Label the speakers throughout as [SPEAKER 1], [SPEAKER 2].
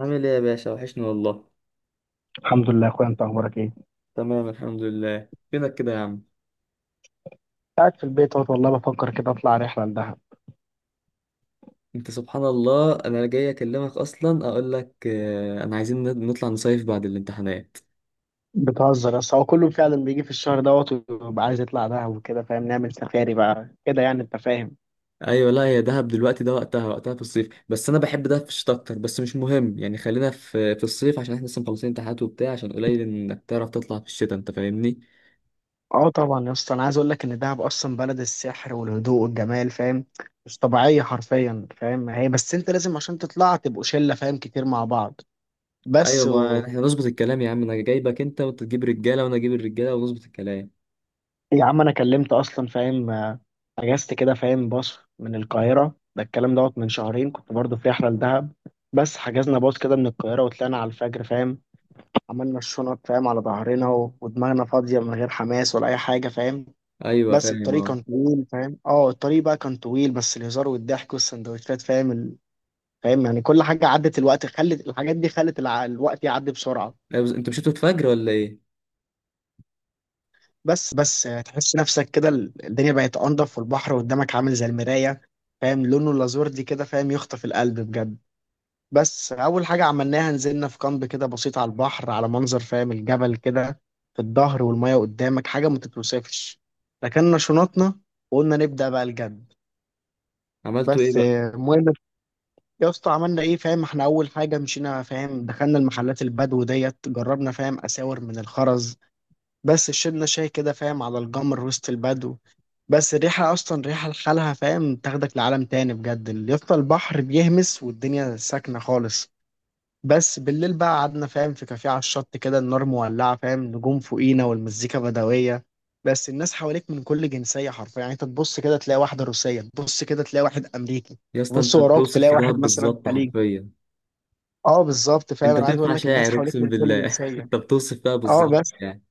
[SPEAKER 1] عامل ايه يا باشا؟ وحشني والله.
[SPEAKER 2] الحمد لله يا اخويا، انت اخبارك ايه؟
[SPEAKER 1] تمام الحمد لله. فينك كده يا عم؟
[SPEAKER 2] قاعد في البيت اهوت. والله بفكر كده اطلع رحله لدهب.
[SPEAKER 1] انت سبحان الله انا جاي اكلمك اصلا اقول لك انا عايزين نطلع نصيف بعد الامتحانات.
[SPEAKER 2] بتهزر؟ بس هو كله فعلا بيجي في الشهر دوت ويبقى عايز يطلع دهب وكده، فاهم؟ نعمل سفاري بقى كده، يعني انت فاهم.
[SPEAKER 1] ايوه لا هي دهب دلوقتي ده وقتها، وقتها في الصيف، بس انا بحب دهب في الشتاء اكتر، بس مش مهم يعني. خلينا في الصيف عشان احنا لسه مخلصين امتحانات وبتاع، عشان قليل انك تعرف تطلع في الشتاء، انت فاهمني؟
[SPEAKER 2] اه طبعا يا اسطى، انا عايز اقول لك ان دهب اصلا بلد السحر والهدوء والجمال، فاهم؟ مش طبيعيه حرفيا، فاهم؟ هي بس انت لازم عشان تطلع تبقوا شله، فاهم، كتير مع بعض.
[SPEAKER 1] ايوه،
[SPEAKER 2] بس
[SPEAKER 1] ما احنا نظبط الكلام يا عم. انا جايبك انت، وانت تجيب رجاله، وانا اجيب الرجاله، ونظبط الكلام.
[SPEAKER 2] يا عم انا كلمت اصلا، فاهم، اجازت كده، فاهم، باص من القاهره. ده الكلام دوت من شهرين كنت برضو في رحله لدهب. بس حجزنا باص كده من القاهره وطلعنا على الفجر، فاهم. عملنا الشنط، فاهم، على ظهرنا و- ودماغنا فاضيه، من غير حماس ولا اي حاجه، فاهم.
[SPEAKER 1] ايوه
[SPEAKER 2] بس
[SPEAKER 1] فاهم
[SPEAKER 2] الطريق
[SPEAKER 1] اه.
[SPEAKER 2] كان طويل، فاهم، اه الطريق بقى كان طويل، بس الهزار والضحك والسندوتشات، فاهم، فاهم يعني كل حاجه عدت، الوقت خلت الحاجات دي خلت الوقت يعدي بسرعه.
[SPEAKER 1] لا، بس انتوا مشيتوا الفجر ولا ايه؟
[SPEAKER 2] بس تحس نفسك كده ال- الدنيا بقت انضف والبحر قدامك عامل زي المراية، فاهم، لونه اللازور دي كده، فاهم، يخطف القلب بجد. بس اول حاجة عملناها نزلنا في كامب كده بسيط، على البحر، على منظر، فاهم، الجبل كده في الظهر، والمية قدامك حاجة ما تتوصفش. ركننا شنطنا وقلنا نبدأ بقى الجد.
[SPEAKER 1] عملتوا ايه
[SPEAKER 2] بس
[SPEAKER 1] بقى؟
[SPEAKER 2] المهم يا اسطى، عملنا ايه؟ فاهم احنا اول حاجة مشينا، فاهم، دخلنا المحلات البدو ديت، جربنا، فاهم، اساور من الخرز. بس شربنا شاي كده، فاهم، على الجمر وسط البدو. بس الريحة أصلا ريحة لحالها، فاهم، تاخدك لعالم تاني بجد، اللي يفضل البحر بيهمس والدنيا ساكنة خالص. بس بالليل بقى قعدنا، فاهم، في كافيه على الشط كده، النار مولعة، فاهم، نجوم فوقينا والمزيكا بدوية. بس الناس حواليك من كل جنسية، حرفيا يعني انت تبص كده تلاقي واحدة روسية، تبص كده تلاقي واحد أمريكي،
[SPEAKER 1] يا اسطى
[SPEAKER 2] تبص
[SPEAKER 1] انت
[SPEAKER 2] وراك
[SPEAKER 1] بتوصف
[SPEAKER 2] تلاقي
[SPEAKER 1] في
[SPEAKER 2] واحد
[SPEAKER 1] دهب
[SPEAKER 2] مثلا
[SPEAKER 1] بالظبط
[SPEAKER 2] خليجي.
[SPEAKER 1] حرفيا.
[SPEAKER 2] اه بالظبط، فاهم،
[SPEAKER 1] انت
[SPEAKER 2] انا عايز
[SPEAKER 1] تنفع
[SPEAKER 2] اقول لك الناس
[SPEAKER 1] شاعر
[SPEAKER 2] حواليك
[SPEAKER 1] اقسم
[SPEAKER 2] من كل
[SPEAKER 1] بالله
[SPEAKER 2] جنسية.
[SPEAKER 1] انت بتوصف فيها
[SPEAKER 2] اه
[SPEAKER 1] بالظبط
[SPEAKER 2] بس.
[SPEAKER 1] يعني.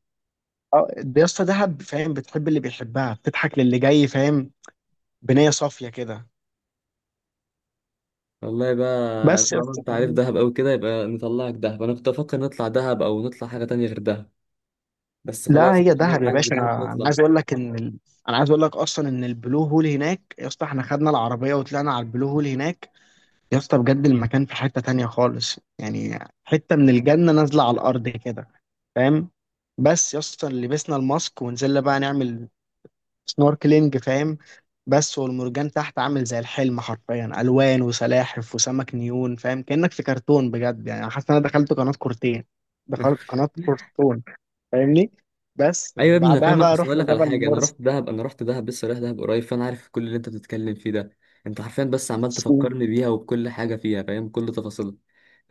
[SPEAKER 2] اه ده يا اسطى دهب، فاهم، بتحب اللي بيحبها، بتضحك للي جاي، فاهم، بنية صافية كده.
[SPEAKER 1] والله بقى
[SPEAKER 2] بس يا
[SPEAKER 1] طالما
[SPEAKER 2] اسطى،
[SPEAKER 1] انت عارف
[SPEAKER 2] فاهم؟
[SPEAKER 1] دهب قوي كده، يبقى نطلعك دهب. انا كنت افكر نطلع دهب او نطلع حاجه تانية غير دهب، بس
[SPEAKER 2] لا
[SPEAKER 1] خلاص
[SPEAKER 2] هي
[SPEAKER 1] طالما
[SPEAKER 2] دهب
[SPEAKER 1] انت
[SPEAKER 2] يا
[SPEAKER 1] عاجبك
[SPEAKER 2] باشا،
[SPEAKER 1] دهب
[SPEAKER 2] انا
[SPEAKER 1] نطلع.
[SPEAKER 2] عايز اقول لك ان انا عايز اقول لك اصلا ان البلو هول هناك يا اسطى، احنا خدنا العربية وطلعنا على البلو هول هناك. يا اسطى بجد المكان في حتة تانية خالص، يعني حتة من الجنة نازلة على الارض كده، فاهم. بس يا اسطى لبسنا الماسك ونزلنا بقى نعمل سنوركلينج، فاهم. بس والمرجان تحت عامل زي الحلم، حرفيا الوان وسلاحف وسمك نيون، فاهم، كانك في كرتون بجد، يعني أنا حاسس ان انا دخلت قناه كرتون، فاهمني. بس
[SPEAKER 1] ايوه يا ابني انا
[SPEAKER 2] بعدها
[SPEAKER 1] فاهمك،
[SPEAKER 2] بقى
[SPEAKER 1] اصل اقول
[SPEAKER 2] رحنا
[SPEAKER 1] لك على
[SPEAKER 2] جبل
[SPEAKER 1] حاجه، انا
[SPEAKER 2] مرسى.
[SPEAKER 1] رحت دهب، انا رحت دهب لسه، رايح دهب قريب، فانا عارف كل اللي انت بتتكلم فيه ده. انت حرفيا بس عمال تفكرني بيها وبكل حاجه فيها، فاهم كل تفاصيلها.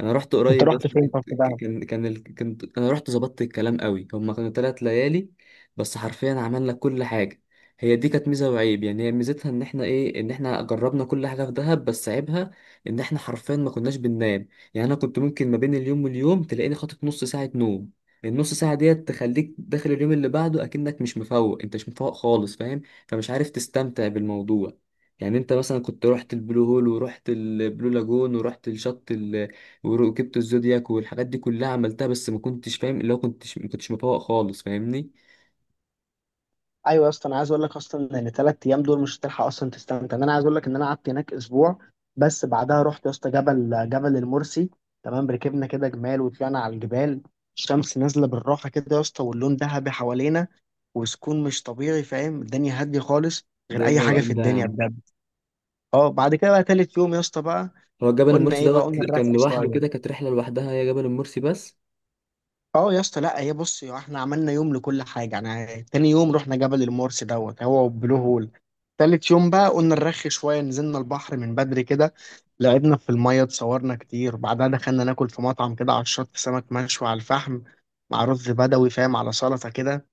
[SPEAKER 1] انا رحت
[SPEAKER 2] انت
[SPEAKER 1] قريب يا
[SPEAKER 2] رحت
[SPEAKER 1] اسطى،
[SPEAKER 2] فين طب
[SPEAKER 1] كنت-
[SPEAKER 2] في دهب؟
[SPEAKER 1] كان كان ال- كنت انا رحت ظبطت الكلام قوي. هما كانوا ثلاث ليالي بس، حرفيا عملنا كل حاجه. هي دي كانت ميزه وعيب، يعني هي ميزتها ان احنا ايه، ان احنا جربنا كل حاجه في دهب، بس عيبها ان احنا حرفيا ما كناش بننام. يعني انا كنت ممكن ما بين اليوم واليوم تلاقيني خاطف نص ساعه نوم. النص ساعة ديت تخليك داخل اليوم اللي بعده أكنك مش مفوق، أنت مش مفوق خالص فاهم. فمش عارف تستمتع بالموضوع. يعني أنت مثلا كنت رحت البلو هول ورحت البلو لاجون ورحت الشط. وركبت الزودياك والحاجات دي كلها عملتها، بس ما كنتش فاهم، اللي هو كنتش، ما كنتش مفوق خالص فاهمني.
[SPEAKER 2] ايوه يا اسطى، انا عايز اقول لك اصلا ان 3 ايام دول مش هتلحق اصلا تستمتع، انا عايز اقول لك ان انا قعدت هناك اسبوع. بس بعدها رحت يا اسطى جبل المرسي. تمام، ركبنا كده جمال وطلعنا على الجبال. الشمس نازله بالراحه كده يا اسطى، واللون ذهبي حوالينا، وسكون مش طبيعي، فاهم، الدنيا هاديه خالص،
[SPEAKER 1] ده
[SPEAKER 2] غير
[SPEAKER 1] إيه
[SPEAKER 2] اي حاجه في
[SPEAKER 1] الروقان ده يا
[SPEAKER 2] الدنيا
[SPEAKER 1] عم؟
[SPEAKER 2] بجد. اه بعد كده بقى تالت يوم يا اسطى بقى
[SPEAKER 1] هو جبل
[SPEAKER 2] قلنا
[SPEAKER 1] المرسي
[SPEAKER 2] ايه بقى؟
[SPEAKER 1] دوت
[SPEAKER 2] قلنا
[SPEAKER 1] كان
[SPEAKER 2] نرخي
[SPEAKER 1] لوحده
[SPEAKER 2] شويه.
[SPEAKER 1] كده؟ كانت رحلة لوحدها هي، جبل المرسي بس؟
[SPEAKER 2] اه يا اسطى لا هي بص، يا احنا عملنا يوم لكل حاجه، يعني تاني يوم رحنا جبل المورس دوت هو وبلو هول. تالت يوم بقى قلنا نرخي شويه، نزلنا البحر من بدري كده، لعبنا في الميه، اتصورنا كتير. بعدها دخلنا ناكل في مطعم كده على الشط، سمك مشوي على الفحم مع رز بدوي، فاهم، على سلطه كده.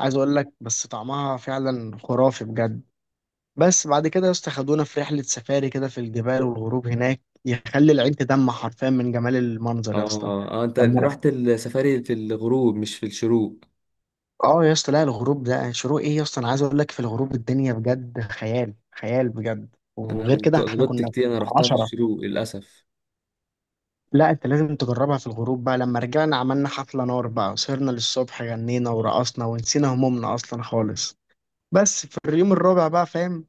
[SPEAKER 2] عايز اقول لك بس طعمها فعلا خرافي بجد. بس بعد كده يا اسطى خدونا في رحله سفاري كده في الجبال، والغروب هناك يخلي العين تدمع حرفيا من جمال المنظر يا اسطى.
[SPEAKER 1] اه اه، انت انت رحت السفاري في الغروب مش في الشروق؟
[SPEAKER 2] اه يا اسطى، لا الغروب ده، شروق ايه يا اسطى؟ انا عايز اقول لك في الغروب الدنيا بجد خيال، خيال بجد.
[SPEAKER 1] انا
[SPEAKER 2] وغير كده احنا
[SPEAKER 1] غلطت
[SPEAKER 2] كنا
[SPEAKER 1] كتير، انا رحتها في
[SPEAKER 2] 10.
[SPEAKER 1] الشروق للاسف.
[SPEAKER 2] لا انت لازم تجربها في الغروب بقى. لما رجعنا عملنا حفلة نار بقى، سهرنا للصبح، غنينا ورقصنا ونسينا همومنا اصلا خالص. بس في اليوم الرابع بقى، فاهم،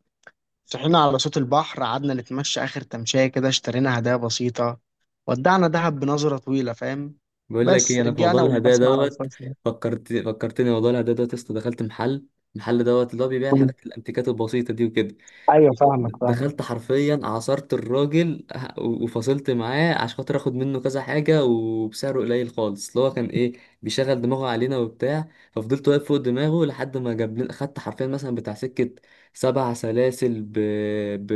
[SPEAKER 2] صحينا على صوت البحر، قعدنا نتمشى اخر تمشية كده، اشترينا هدايا بسيطة، ودعنا دهب بنظرة طويلة، فاهم.
[SPEAKER 1] بقول لك
[SPEAKER 2] بس
[SPEAKER 1] ايه، انا في موضوع
[SPEAKER 2] رجعنا
[SPEAKER 1] الهدايا
[SPEAKER 2] والبسمة على
[SPEAKER 1] دوت،
[SPEAKER 2] وشنا.
[SPEAKER 1] فكرت، فكرتني موضوع الهدايا دوت يا اسطى. دخلت محل، المحل دوت اللي هو بيبيع الحاجات الانتيكات البسيطه دي وكده،
[SPEAKER 2] ايوه، فاهمك
[SPEAKER 1] دخلت
[SPEAKER 2] فاهمك.
[SPEAKER 1] حرفيا عصرت الراجل وفصلت معاه عشان خاطر اخد منه كذا حاجه وبسعره قليل خالص، اللي هو كان ايه، بيشغل دماغه علينا وبتاع. ففضلت واقف فوق دماغه لحد ما جاب لنا، خدت حرفيا مثلا بتاع سكه 7 سلاسل ب...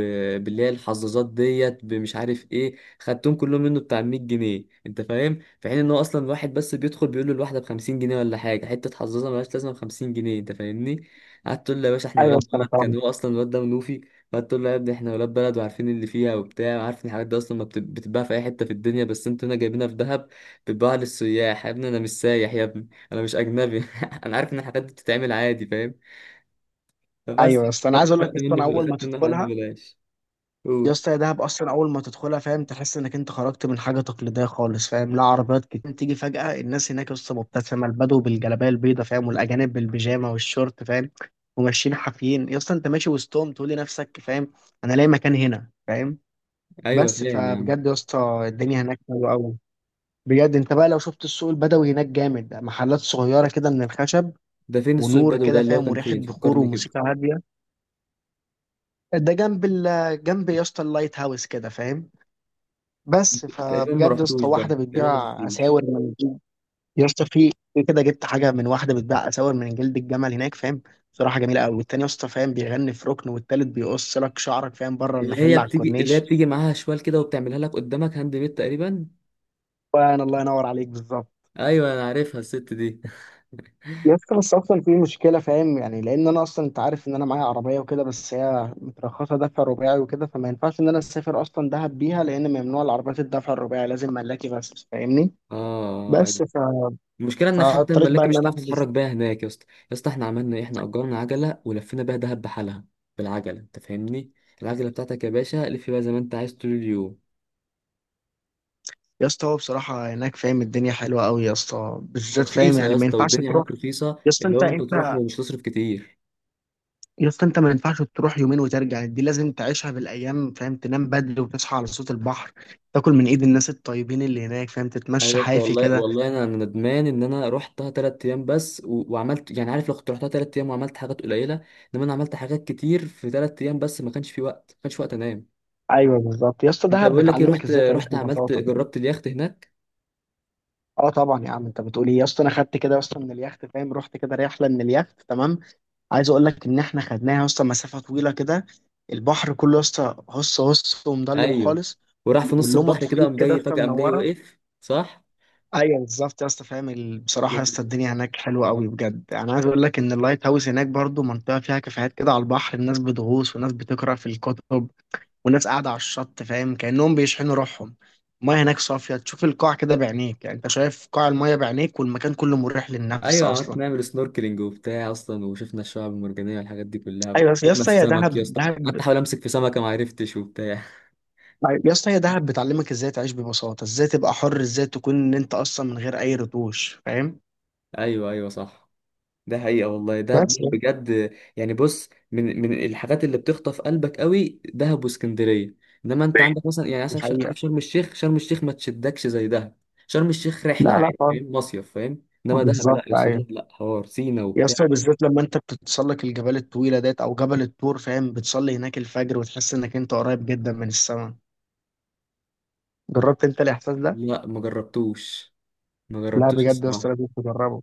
[SPEAKER 1] باللي هي الحظاظات ديت بمش عارف ايه، خدتهم كلهم منه بتاع 100 جنيه انت فاهم، في حين ان هو اصلا واحد بس بيدخل بيقول له الواحده ب 50 جنيه ولا حاجه، حته حظاظه ملهاش لازمه ب 50 جنيه انت فاهمني. قعدت تقول له يا باشا احنا
[SPEAKER 2] ايوه.
[SPEAKER 1] ولاد بلد، كان هو اصلا الواد ده منوفي، فتقول له يا ابني احنا ولاد بلد وعارفين اللي فيها وبتاع، عارف ان الحاجات دي اصلا ما بت- بتتباع في اي حته في الدنيا، بس انتوا هنا جايبينها في دهب بتتباع للسياح. يا ابني انا مش سايح، يا ابني انا مش اجنبي انا عارف ان الحاجات دي بتتعمل عادي فاهم. فبس.
[SPEAKER 2] ايوه يا اسطى، انا عايز
[SPEAKER 1] خدت
[SPEAKER 2] اقول لك
[SPEAKER 1] خدت منه
[SPEAKER 2] اصلا اول ما
[SPEAKER 1] خدت منه حاجات
[SPEAKER 2] تدخلها،
[SPEAKER 1] ببلاش.
[SPEAKER 2] يا
[SPEAKER 1] قول.
[SPEAKER 2] اسطى يا دهب، اصلا اول ما تدخلها، فاهم، تحس انك انت خرجت من حاجه تقليديه خالص، فاهم، لا عربيات كتير تيجي فجاه، الناس هناك يا اسطى مبتسمه، البدو بالجلابيه البيضاء، فاهم، والاجانب بالبيجامه والشورت، فاهم، وماشيين حافيين يا اسطى، انت ماشي وسطهم تقول لنفسك، فاهم، انا لاقي مكان هنا، فاهم.
[SPEAKER 1] ايوه
[SPEAKER 2] بس
[SPEAKER 1] فاهم يا عم.
[SPEAKER 2] فبجد يا اسطى الدنيا هناك حلوه قوي بجد. انت بقى لو شفت السوق البدوي هناك جامد، محلات صغيره كده من الخشب،
[SPEAKER 1] ده فين السوق
[SPEAKER 2] ونور
[SPEAKER 1] البدوي
[SPEAKER 2] كده،
[SPEAKER 1] ده، اللي هو
[SPEAKER 2] فاهم،
[SPEAKER 1] كان
[SPEAKER 2] وريحه
[SPEAKER 1] فين؟
[SPEAKER 2] بخور،
[SPEAKER 1] فكرني كده.
[SPEAKER 2] وموسيقى هاديه. ده جنب جنب يا اسطى اللايت هاوس كده، فاهم. بس
[SPEAKER 1] تقريبا ما
[SPEAKER 2] فبجد يا
[SPEAKER 1] رحتوش
[SPEAKER 2] اسطى
[SPEAKER 1] ده،
[SPEAKER 2] واحده
[SPEAKER 1] تقريبا ما
[SPEAKER 2] بتبيع اساور
[SPEAKER 1] شفتوش.
[SPEAKER 2] من جلد. يا اسطى في كده جبت حاجه من واحده بتبيع اساور من جلد الجمل هناك، فاهم، صراحه جميله قوي. والتاني يا اسطى، فاهم، بيغني في ركن، والتالت بيقص لك شعرك، فاهم، بره
[SPEAKER 1] اللي
[SPEAKER 2] المحل
[SPEAKER 1] هي
[SPEAKER 2] على
[SPEAKER 1] بتيجي، اللي هي
[SPEAKER 2] الكورنيش.
[SPEAKER 1] بتيجي معاها شوال كده وبتعملها لك قدامك هاند ميد تقريبا.
[SPEAKER 2] وانا الله ينور عليك، بالظبط.
[SPEAKER 1] ايوه انا عارفها الست دي.
[SPEAKER 2] يا اسطى بس اصلا في مشكله، فاهم، يعني لان انا اصلا، انت عارف ان انا معايا عربيه وكده، بس هي مترخصه دفع رباعي وكده، فما ينفعش ان انا اسافر اصلا دهب بيها، لان ممنوع العربيات الدفع الرباعي، لازم ملاكي بس، فاهمني.
[SPEAKER 1] اه.
[SPEAKER 2] بس
[SPEAKER 1] المشكله ان حتى
[SPEAKER 2] فاضطريت بقى
[SPEAKER 1] الملاكي
[SPEAKER 2] ان
[SPEAKER 1] مش
[SPEAKER 2] انا
[SPEAKER 1] هتعرف تتحرك
[SPEAKER 2] احجز.
[SPEAKER 1] بيها هناك يا اسطى. يا اسطى احنا عملنا ايه، احنا اجرنا عجله ولفينا بيها دهب بحالها، بالعجله انت فاهمني. العجله بتاعتك يا باشا لف بيها زي ما انت عايز طول اليوم.
[SPEAKER 2] يا اسطى هو بصراحه هناك، فاهم، الدنيا حلوه قوي يا اسطى، بالذات، فاهم
[SPEAKER 1] ورخيصه يا
[SPEAKER 2] يعني، ما
[SPEAKER 1] اسطى،
[SPEAKER 2] ينفعش
[SPEAKER 1] والدنيا
[SPEAKER 2] تروح.
[SPEAKER 1] هناك رخيصه،
[SPEAKER 2] يا اسطى
[SPEAKER 1] اللي
[SPEAKER 2] انت
[SPEAKER 1] هو انت تروح
[SPEAKER 2] انت
[SPEAKER 1] ومش تصرف كتير.
[SPEAKER 2] يا اسطى، انت ما ينفعش تروح يومين وترجع، دي لازم تعيشها بالايام، فاهم، تنام بدري وتصحى على صوت البحر، تاكل من ايد الناس الطيبين اللي هناك، فاهم،
[SPEAKER 1] ايوه
[SPEAKER 2] تتمشى
[SPEAKER 1] يا اسطى،
[SPEAKER 2] حافي
[SPEAKER 1] والله
[SPEAKER 2] كده.
[SPEAKER 1] والله انا أنا ندمان ان انا رحتها تلات ايام بس، وعملت يعني، عارف لو كنت رحتها تلات ايام وعملت حاجات قليله، انما انا عملت حاجات كتير في تلات ايام بس، ما كانش في وقت، ما كانش وقت انام.
[SPEAKER 2] ايوه بالظبط يا اسطى،
[SPEAKER 1] انت
[SPEAKER 2] دهب
[SPEAKER 1] بقول لك ايه،
[SPEAKER 2] بتعلمك
[SPEAKER 1] رحت
[SPEAKER 2] ازاي تعيش
[SPEAKER 1] رحت عملت،
[SPEAKER 2] ببساطه.
[SPEAKER 1] جربت اليخت هناك.
[SPEAKER 2] اه طبعا يا عم انت بتقول ايه؟ يا اسطى انا خدت كده يا اسطى من اليخت، فاهم، رحت كده رحله من اليخت. تمام. عايز اقول لك ان احنا خدناها يا اسطى مسافه طويله كده، البحر كله يا اسطى هص هص، ومضلم
[SPEAKER 1] ايوه.
[SPEAKER 2] خالص،
[SPEAKER 1] وراح في نص
[SPEAKER 2] واللمض
[SPEAKER 1] البحر كده،
[SPEAKER 2] فوقيك
[SPEAKER 1] قام
[SPEAKER 2] كده يا
[SPEAKER 1] جاي
[SPEAKER 2] اسطى
[SPEAKER 1] فجأة، قام جاي
[SPEAKER 2] منوره.
[SPEAKER 1] وقف صح.
[SPEAKER 2] ايوه بالظبط يا اسطى، فاهم بصراحه
[SPEAKER 1] و...
[SPEAKER 2] يا اسطى الدنيا هناك حلوه قوي بجد. انا عايز اقول لك ان اللايت هاوس هناك برضو منطقه فيها كافيهات كده على البحر، الناس بتغوص، وناس بتقرا في الكتب، وناس قاعده على الشط، فاهم، كانهم بيشحنوا روحهم. المايه هناك صافيه، تشوف القاع كده بعينيك، يعني انت شايف قاع المايه بعينيك، والمكان كله مريح للنفس
[SPEAKER 1] ايوه عملت،
[SPEAKER 2] اصلا.
[SPEAKER 1] نعمل سنوركلينج وبتاع اصلا، وشفنا الشعب المرجانيه والحاجات دي كلها.
[SPEAKER 2] ايوه يا
[SPEAKER 1] شفنا
[SPEAKER 2] اسطى، يا
[SPEAKER 1] السمك يا
[SPEAKER 2] دهب
[SPEAKER 1] اسطى، قعدت
[SPEAKER 2] دهب.
[SPEAKER 1] احاول امسك في سمكه ما عرفتش وبتاع
[SPEAKER 2] أيوة. يا اسطى هي دهب بتعلمك ازاي تعيش ببساطة، ازاي تبقى حر، ازاي تكون ان انت اصلا من غير اي رتوش، فاهم.
[SPEAKER 1] ايوه ايوه صح. ده حقيقه والله ده
[SPEAKER 2] بس يعني.
[SPEAKER 1] بجد. يعني بص، من الحاجات اللي بتخطف قلبك قوي دهب واسكندريه. انما انت
[SPEAKER 2] طيب.
[SPEAKER 1] عندك مثلا، يعني
[SPEAKER 2] دي
[SPEAKER 1] مثلا
[SPEAKER 2] حقيقة.
[SPEAKER 1] عارف شرم الشيخ، شرم الشيخ ما تشدكش زي دهب. شرم الشيخ رحله
[SPEAKER 2] لا لا
[SPEAKER 1] عادي
[SPEAKER 2] خالص.
[SPEAKER 1] فاهم، مصيف فاهم، انما دهب
[SPEAKER 2] بالظبط،
[SPEAKER 1] لا يا اسطى،
[SPEAKER 2] ايوه.
[SPEAKER 1] دهب لا، حوار سينا
[SPEAKER 2] يا
[SPEAKER 1] وبتاع.
[SPEAKER 2] اسطى بالذات لما انت بتتسلق الجبال الطويلة ديت، او جبل الطور، فاهم، بتصلي هناك الفجر وتحس انك انت قريب جدا من السماء. جربت انت الاحساس ده؟
[SPEAKER 1] لا ما جربتوش، ما
[SPEAKER 2] لا
[SPEAKER 1] جربتوش
[SPEAKER 2] بجد يا
[SPEAKER 1] الصراحة.
[SPEAKER 2] اسطى لازم تجربه.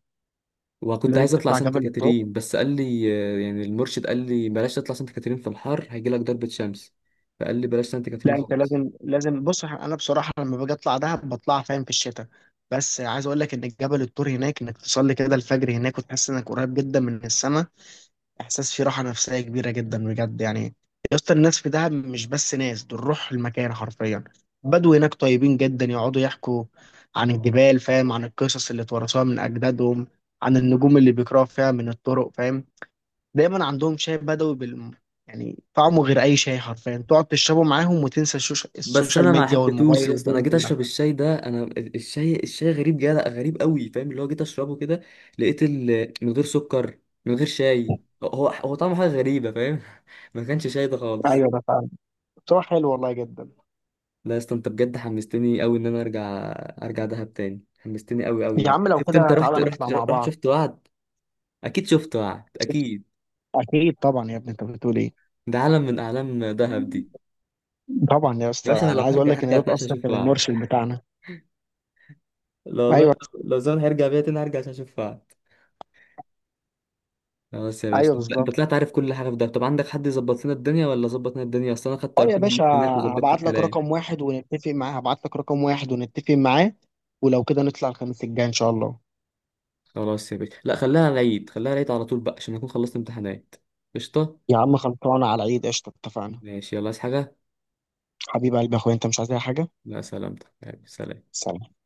[SPEAKER 1] وكنت
[SPEAKER 2] لازم
[SPEAKER 1] عايز اطلع
[SPEAKER 2] تطلع
[SPEAKER 1] سانت
[SPEAKER 2] جبل الطور.
[SPEAKER 1] كاترين بس قال لي، يعني المرشد قال لي بلاش تطلع سانت كاترين في الحر هيجي لك ضربة شمس، فقال لي بلاش سانت
[SPEAKER 2] لا
[SPEAKER 1] كاترين
[SPEAKER 2] انت
[SPEAKER 1] خالص.
[SPEAKER 2] لازم، لازم، بص انا بصراحه لما باجي اطلع دهب بطلع، فاهم، في الشتاء. بس عايز اقول لك ان جبل الطور هناك، انك تصلي كده الفجر هناك وتحس انك قريب جدا من السماء، احساس فيه راحه نفسيه كبيره جدا بجد يعني. يا اسطى الناس في دهب مش بس ناس، دول روح المكان حرفيا. بدو هناك طيبين جدا، يقعدوا يحكوا عن الجبال، فاهم، عن القصص اللي اتورثوها من اجدادهم، عن النجوم اللي بيقراوا فيها من الطرق، فاهم. دايما عندهم شاي بدوي بال، يعني طعمه غير اي شاي حرفيا، تقعد تشربه معاهم وتنسى
[SPEAKER 1] بس
[SPEAKER 2] السوشيال
[SPEAKER 1] انا ما
[SPEAKER 2] ميديا
[SPEAKER 1] حبيتهوش
[SPEAKER 2] والموبايل
[SPEAKER 1] يا اسطى، انا
[SPEAKER 2] والدنيا
[SPEAKER 1] جيت
[SPEAKER 2] كلها.
[SPEAKER 1] اشرب الشاي ده، انا الشاي، الشاي غريب جدا، غريب قوي فاهم، اللي هو جيت اشربه كده، لقيت من غير سكر، من غير شاي، هو هو طعمه حاجة غريبة فاهم. ما كانش شاي ده خالص.
[SPEAKER 2] ايوه ده فعلا، بصراحه حلو والله جدا.
[SPEAKER 1] لا يا اسطى انت بجد حمستني قوي ان انا ارجع، ارجع دهب تاني. حمستني قوي قوي
[SPEAKER 2] يا
[SPEAKER 1] يعني،
[SPEAKER 2] عم لو
[SPEAKER 1] شفت انت
[SPEAKER 2] كده
[SPEAKER 1] رحت
[SPEAKER 2] تعالى نطلع
[SPEAKER 1] رحت
[SPEAKER 2] مع
[SPEAKER 1] رحت
[SPEAKER 2] بعض.
[SPEAKER 1] شفت وعد. اكيد شفت وعد اكيد.
[SPEAKER 2] اكيد طبعا يا ابني، انت بتقول ايه؟
[SPEAKER 1] ده عالم من اعلام دهب دي.
[SPEAKER 2] طبعا يا
[SPEAKER 1] يا
[SPEAKER 2] اسطى،
[SPEAKER 1] باشا انا لو
[SPEAKER 2] انا عايز اقول
[SPEAKER 1] هرجع
[SPEAKER 2] لك ان
[SPEAKER 1] هرجع
[SPEAKER 2] ده
[SPEAKER 1] تاني عشان
[SPEAKER 2] اصلا
[SPEAKER 1] اشوف
[SPEAKER 2] كان
[SPEAKER 1] وعد،
[SPEAKER 2] المرشد بتاعنا.
[SPEAKER 1] لو والله،
[SPEAKER 2] ايوه
[SPEAKER 1] لو زمان هيرجع بيا تاني هرجع عشان اشوف وعد. خلاص يا باشا،
[SPEAKER 2] ايوه
[SPEAKER 1] انت انت
[SPEAKER 2] بالظبط.
[SPEAKER 1] طلعت عارف كل حاجه في دهب، طب عندك حد يظبط لنا الدنيا، ولا ظبط لنا الدنيا، اصل انا خدت
[SPEAKER 2] اه يا
[SPEAKER 1] ارقام
[SPEAKER 2] باشا،
[SPEAKER 1] الناس هناك وظبطت الكلام.
[SPEAKER 2] هبعت لك رقم واحد ونتفق معاه، ولو كده نطلع الخميس الجاي ان شاء الله.
[SPEAKER 1] خلاص يا باشا، لا خليها العيد، خليها العيد على طول بقى عشان اكون خلصت امتحانات. قشطه.
[SPEAKER 2] يا عم خلصانه على العيد، قشطه، اتفقنا.
[SPEAKER 1] ماشي يلا، عايز حاجه؟
[SPEAKER 2] حبيب قلبي يا اخويا، انت مش عايز اي حاجه؟
[SPEAKER 1] لا سلامتك، سلام.
[SPEAKER 2] سلام.